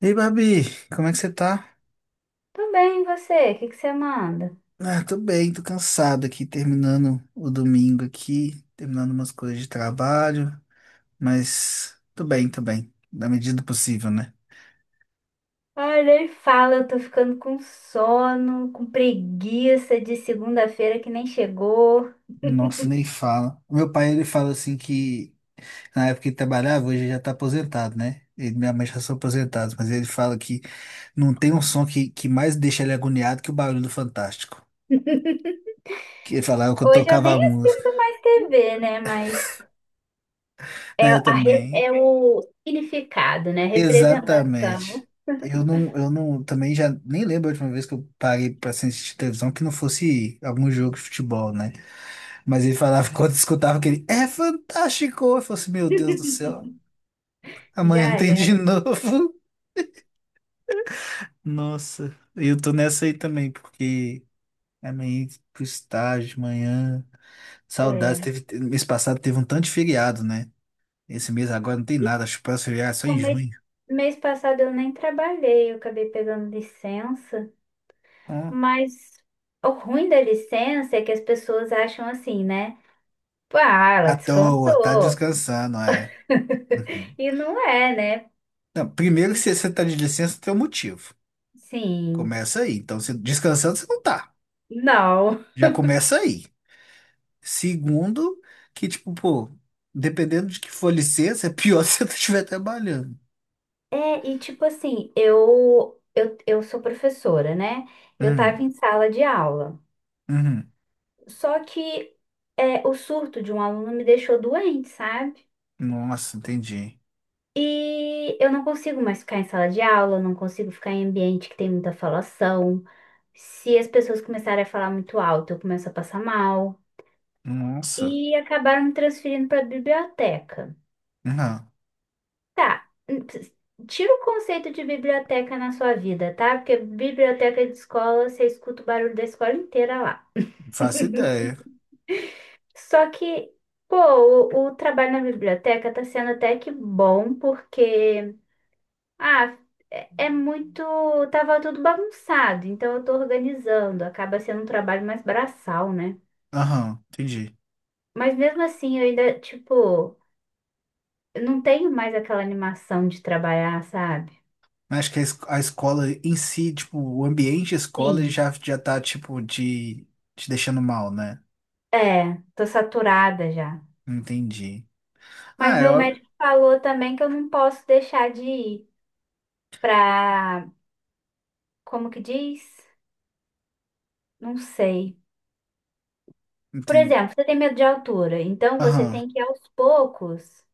Ei, Babi, como é que você tá? Tudo bem, e você? O que você manda? Ah, tô bem, tô cansado aqui, terminando o domingo aqui, terminando umas coisas de trabalho, mas tô bem, na medida do possível, né? Ai, nem fala, eu tô ficando com sono, com preguiça de segunda-feira que nem chegou. Nossa, nem fala. O meu pai, ele fala assim que na época que ele trabalhava, hoje ele já tá aposentado, né? Ele e minha mãe já são aposentados, mas ele fala que não tem um som que mais deixa ele agoniado que o barulho do Fantástico. Que ele falava que eu Hoje eu tocava a nem música. assisto mais TV, né? Mas é, Né, eu também. é o significado, né? Exatamente. Representação. Eu não, também já nem lembro a última vez que eu parei pra assistir televisão que não fosse algum jogo de futebol, né? Mas ele falava, quando escutava aquele, é fantástico! Eu falei assim, meu Deus do céu, amanhã Já tem de é. novo. Nossa, eu tô nessa aí também, porque amanhã pro estágio, amanhã, saudades. Teve, mês passado teve um tanto de feriado, né? Esse mês agora não tem nada, acho que o próximo feriado é só O em mês, junho. Mês passado eu nem trabalhei, eu acabei pegando licença, Ó, mas o ruim da licença é que as pessoas acham assim, né? Pô, ah, ela à toa, tá descansou. descansando, é. E não é, né? Não, primeiro, se você está de licença, tem um motivo. Sim, Começa aí. Então, se descansando, você não tá. não. Já começa aí. Segundo, que tipo, pô, dependendo de que for licença, é pior se você estiver trabalhando. É, e tipo assim, eu sou professora, né? Eu tava Hum, em sala de aula. uhum. Só que é, o surto de um aluno me deixou doente, sabe? Nossa, entendi. E eu não consigo mais ficar em sala de aula, eu não consigo ficar em ambiente que tem muita falação. Se as pessoas começarem a falar muito alto, eu começo a passar mal. Nossa. E acabaram me transferindo para a biblioteca. Não, Tá. Tira o conceito de biblioteca na sua vida, tá? Porque biblioteca de escola, você escuta o barulho da escola inteira lá. não faço ideia. Só que, pô, o trabalho na biblioteca tá sendo até que bom, porque, ah, é, é muito. Tava tudo bagunçado, então eu tô organizando. Acaba sendo um trabalho mais braçal, né? Aham, entendi. Mas mesmo assim, eu ainda, tipo, eu não tenho mais aquela animação de trabalhar, sabe? Mas acho que a escola em si, tipo, o ambiente escola Sim. já tá, tipo, de, te deixando mal, né? É, tô saturada já. Entendi. Mas Ah, meu eu médico falou também que eu não posso deixar de ir pra. Como que diz? Não sei. Por entendi. exemplo, você tem medo de altura, então você tem que ir aos poucos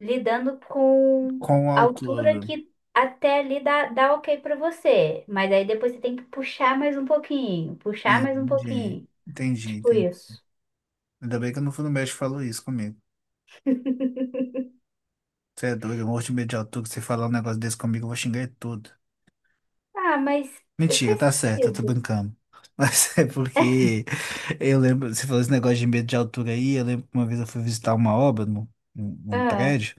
lidando com Com o a altura autor. que até ali dá, dá ok pra você. Mas aí depois você tem que puxar mais um pouquinho, puxar mais um Entendi. pouquinho. Entendi, Tipo entendi. isso. Ainda bem que eu não fui no médico e falou isso comigo. Você é doido, eu morro de medo de autor, que você falar um negócio desse comigo, eu vou xingar ele tudo. Ah, mas Mentira, faz tá certo, eu tô sentido. brincando. Mas é porque eu lembro, você falou esse negócio de medo de altura aí, eu lembro que uma vez eu fui visitar uma obra num, num Ah, prédio,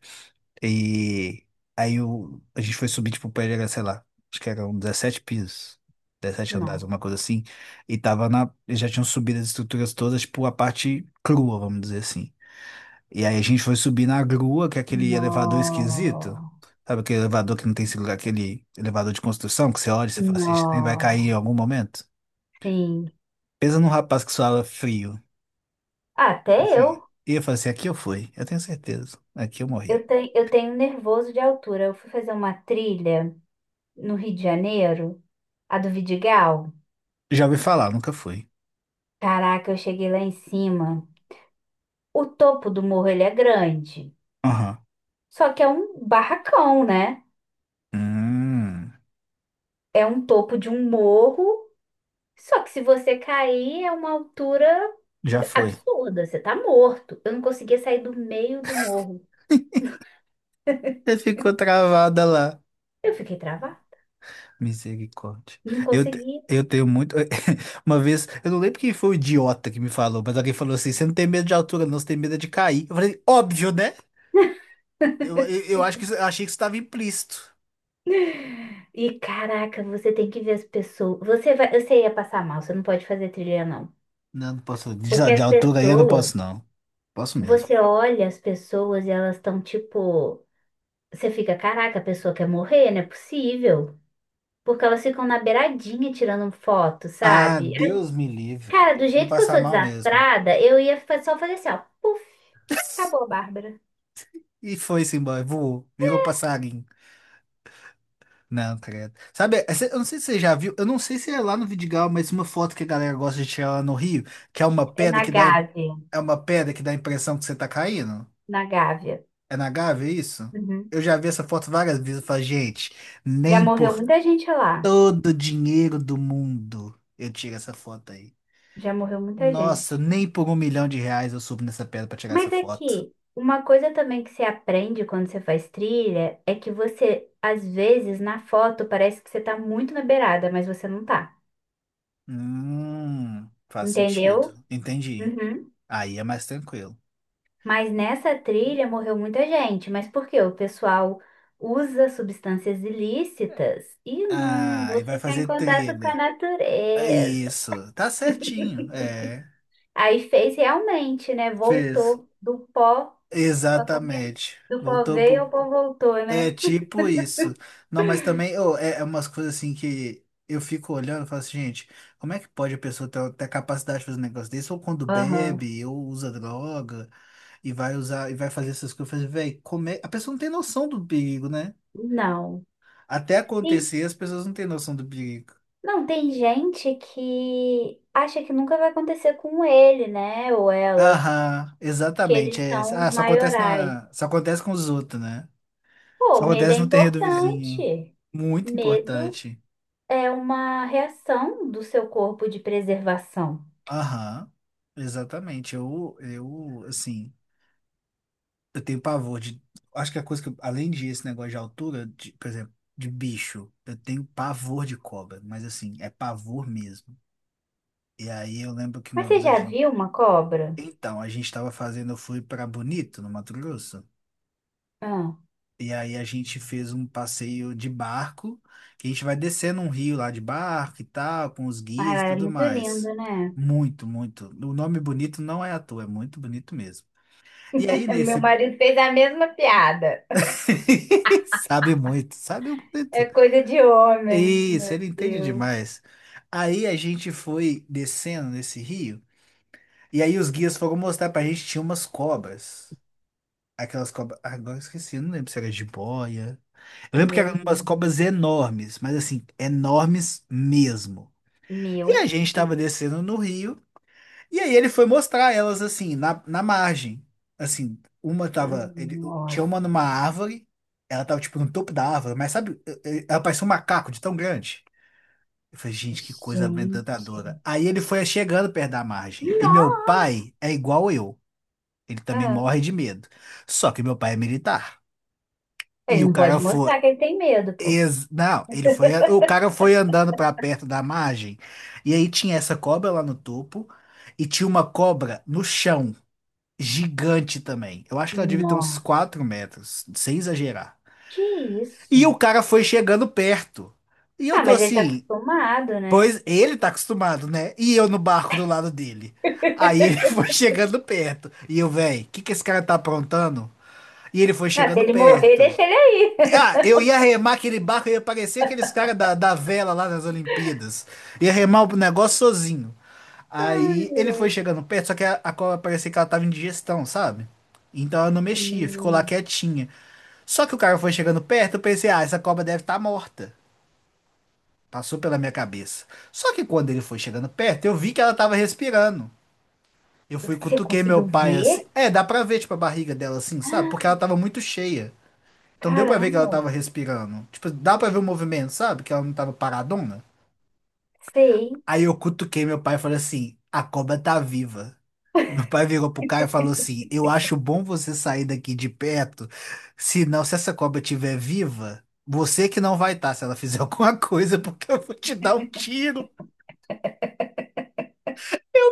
e aí a gente foi subir, tipo, o prédio era, sei lá, acho que eram 17 pisos, 17 andares, não. alguma coisa assim, e tava eles já tinham subido as estruturas todas, tipo, a parte crua, vamos dizer assim. E aí a gente foi subir na grua, que é aquele elevador esquisito. Não. Sabe aquele elevador que não tem seguro, aquele elevador de construção, que você olha e você fala assim, "Esse trem vai cair em Não. algum momento?" Sim. Pensa num rapaz que suava frio. Até Assim, eu. e eu falei assim, aqui eu fui, eu tenho certeza. Aqui eu morri. Eu tenho nervoso de altura. Eu fui fazer uma trilha no Rio de Janeiro, a do Vidigal. Já ouvi falar, nunca fui. Caraca, eu cheguei lá em cima. O topo do morro, ele é grande. Aham. Só que é um barracão, né? Hum, É um topo de um morro. Só que se você cair, é uma altura já foi. absurda. Você tá morto. Eu não conseguia sair do meio do morro. Você ficou travada lá. Eu fiquei travada. Misericórdia. Não Eu, te- consegui. eu tenho muito. Uma vez, eu não lembro quem foi o idiota que me falou, mas alguém falou assim: você não tem medo de altura, não, você tem medo é de cair. Eu falei, óbvio, né? Eu achei que isso estava implícito. E caraca, você tem que ver as pessoas. Você vai, você ia passar mal. Você não pode fazer trilha, não. Não, não posso. De, Porque de as altura aí eu não pessoas, posso, não. Posso mesmo. você olha as pessoas e elas estão tipo, você fica, caraca, a pessoa quer morrer, não é possível. Porque elas ficam na beiradinha tirando foto, Ah, sabe? Deus me livre. Cara, do Eu ia jeito que eu passar sou mal mesmo. desastrada, eu ia só fazer assim, ó, puf, acabou, Bárbara. E foi-se embora, voou, virou passarinho. Não, credo. Sabe, eu não sei se você já viu, eu não sei se é lá no Vidigal, mas uma foto que a galera gosta de tirar lá no Rio, que é uma É pedra na que dá, Gávea, é uma pedra que dá a impressão que você tá caindo. na Gávea. É na Gávea, é isso? Uhum. Eu já vi essa foto várias vezes e falo, gente, Já nem morreu por muita gente lá. todo o dinheiro do mundo eu tiro essa foto aí. Já morreu muita Nossa, gente. nem por 1 milhão de reais eu subo nessa pedra pra tirar essa Mas é foto. que uma coisa também que você aprende quando você faz trilha é que você, às vezes, na foto parece que você tá muito na beirada, mas você não tá. Faz sentido. Entendeu? Entendi. Uhum. Aí é mais tranquilo. Mas nessa trilha morreu muita gente. Mas por quê? O pessoal usa substâncias ilícitas e, Ah, vou e vai ficar em fazer contato com a trilha. natureza. Isso, tá certinho. É, Aí fez realmente, né? fez. Voltou do pó. Ó, como que é? Exatamente. Do pó Voltou veio, pro. o pó voltou, É né? tipo isso. Não, mas também ô, é umas coisas assim que eu fico olhando e falo assim, gente, como é que pode a pessoa ter a capacidade de fazer um negócio desse? Ou quando Aham. bebe, ou usa droga, e vai usar, e vai fazer essas coisas, velho, comer. A pessoa não tem noção do perigo, né? Não. Até acontecer, as pessoas não têm noção do perigo. Não, tem gente que acha que nunca vai acontecer com ele, né? Ou ela, Aham, que exatamente. eles É, isso. são os maiorais. Só acontece com os outros, né? Pô, Só medo é acontece no terreiro do vizinho. importante. Muito Medo importante. é uma reação do seu corpo de preservação. Aham, exatamente. Eu, assim, eu tenho pavor de. Acho que a coisa além de esse negócio de altura, de, por exemplo, de bicho, eu tenho pavor de cobra, mas assim, é pavor mesmo. E aí eu lembro que Mas uma você vez a já gente. viu uma cobra? Então, a gente tava fazendo, eu fui pra Bonito, no Mato Grosso. Ah, E aí a gente fez um passeio de barco, que a gente vai descendo um rio lá de barco e tal, com os ah, guias ela e é tudo muito mais. linda, né? Muito, muito. O nome bonito não é à toa, é muito bonito mesmo. E aí Meu nesse marido fez a mesma piada. sabe muito, sabe É muito. coisa de homem. Isso, Meu ele entende Deus. demais. Aí a gente foi descendo nesse rio, e aí os guias foram mostrar pra gente tinha umas cobras. Aquelas cobras, agora eu esqueci, eu não lembro se era jiboia. Eu lembro que eram Meu umas Deus. cobras enormes, mas assim, enormes mesmo. E a Meu gente tava Deus. descendo no rio, e aí ele foi mostrar elas assim, na margem. Assim, uma tava. Tinha uma Nossa. numa árvore, ela tava tipo no topo da árvore, mas sabe, ela parecia um macaco de tão grande. Eu falei, gente, que coisa Gente. amedrontadora. Aí ele foi chegando perto da margem. E meu Nossa! pai é igual eu. Ele também Ah, morre de medo. Só que meu pai é militar. E ele o não cara pode foi. mostrar que ele tem medo, pô. Não, ele foi, o cara foi andando pra perto da margem e aí tinha essa cobra lá no topo e tinha uma cobra no chão, gigante também. Eu acho que ela devia ter uns Nossa, 4 metros, sem exagerar. que E o isso? cara foi chegando perto. E eu Ah, tô mas ele tá assim, acostumado, né? pois ele tá acostumado, né? E eu no barco do lado dele. Aí ele foi chegando perto. E eu, véi, o que que esse cara tá aprontando? E ele foi Ah, se chegando ele morrer, perto. deixa ele aí. Ah, eu ia remar aquele barco, eu ia parecer aqueles caras da vela lá nas Olimpíadas. Ia remar o negócio sozinho. Ai, Aí ele foi ai. chegando perto, só que a cobra parecia que ela tava em digestão, sabe? Então ela não mexia, ficou lá Hum, quietinha. Só que o cara foi chegando perto, eu pensei, ah, essa cobra deve estar morta. Passou pela minha cabeça. Só que quando ele foi chegando perto, eu vi que ela tava respirando. Eu fui, você cutuquei meu conseguiu pai assim. ver? É, dá pra ver, tipo, a barriga dela assim, sabe? Porque ela tava muito cheia. Então deu pra ver que ela Caramba, tava respirando. Tipo, dá pra ver o movimento, sabe? Que ela não tava paradona. sei. Aí eu cutuquei meu pai e falei assim: a cobra tá viva. Meu pai virou pro cara e falou assim: eu acho bom você sair daqui de perto, senão se essa cobra estiver viva, você que não vai estar se ela fizer alguma coisa, porque eu vou te dar um tiro.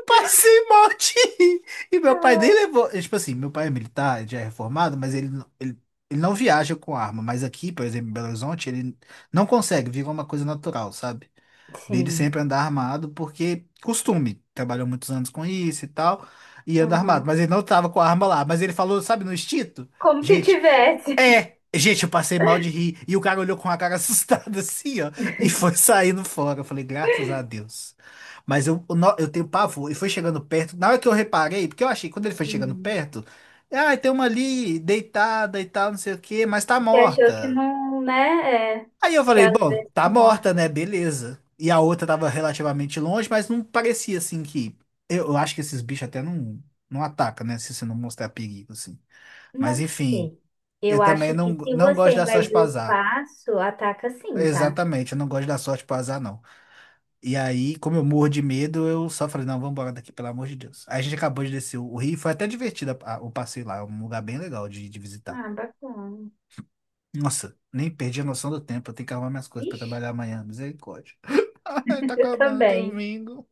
Passei mal de rir. E meu pai nem levou. É, tipo assim, meu pai é militar, já é reformado, mas ele não viaja com arma. Mas aqui, por exemplo, em Belo Horizonte, ele não consegue, virou uma coisa natural, sabe? Dele Sim. sempre andar armado, porque costume. Trabalhou muitos anos com isso e tal, e anda armado. Uhum. Mas ele não tava com a arma lá. Mas ele falou, sabe, no instinto? Como se Gente, tivesse. gente, eu passei mal de rir. E o cara olhou com a cara assustada assim, ó, e foi saindo fora. Eu falei, graças a Deus. Mas eu no- eu tenho pavor. E foi chegando perto. Na hora que eu reparei, porque eu achei, que quando ele foi chegando Hum. perto, tem uma ali deitada e tal, não sei o quê, mas tá Você achou que morta. não, né? É, Aí eu que falei, às bom, vezes tá morre. morta, né? Beleza. E a outra tava relativamente longe, mas não parecia assim que. Eu acho que esses bichos até não, não, atacam, né? Se você não mostrar perigo, assim. Mas Não enfim. sei. Eu Eu acho também não, que se não gosto você da sorte invadir o pro azar. espaço, ataca sim, tá? Exatamente, eu não gosto da sorte pro azar, não. E aí, como eu morro de medo, eu só falei, não, vamos embora daqui, pelo amor de Deus. Aí a gente acabou de descer o rio, foi até divertido o passeio lá, é um lugar bem legal de visitar. Ah, bacana. Nossa, nem perdi a noção do tempo, eu tenho que arrumar minhas coisas pra Vixe, trabalhar amanhã, misericórdia. Ai, tá eu acabando o também. domingo.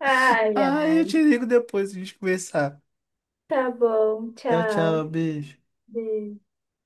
Ai, Ai, eu te ai. ligo depois pra gente conversar. Tá bom, Tchau, tchau. tchau, beijo. Beijo.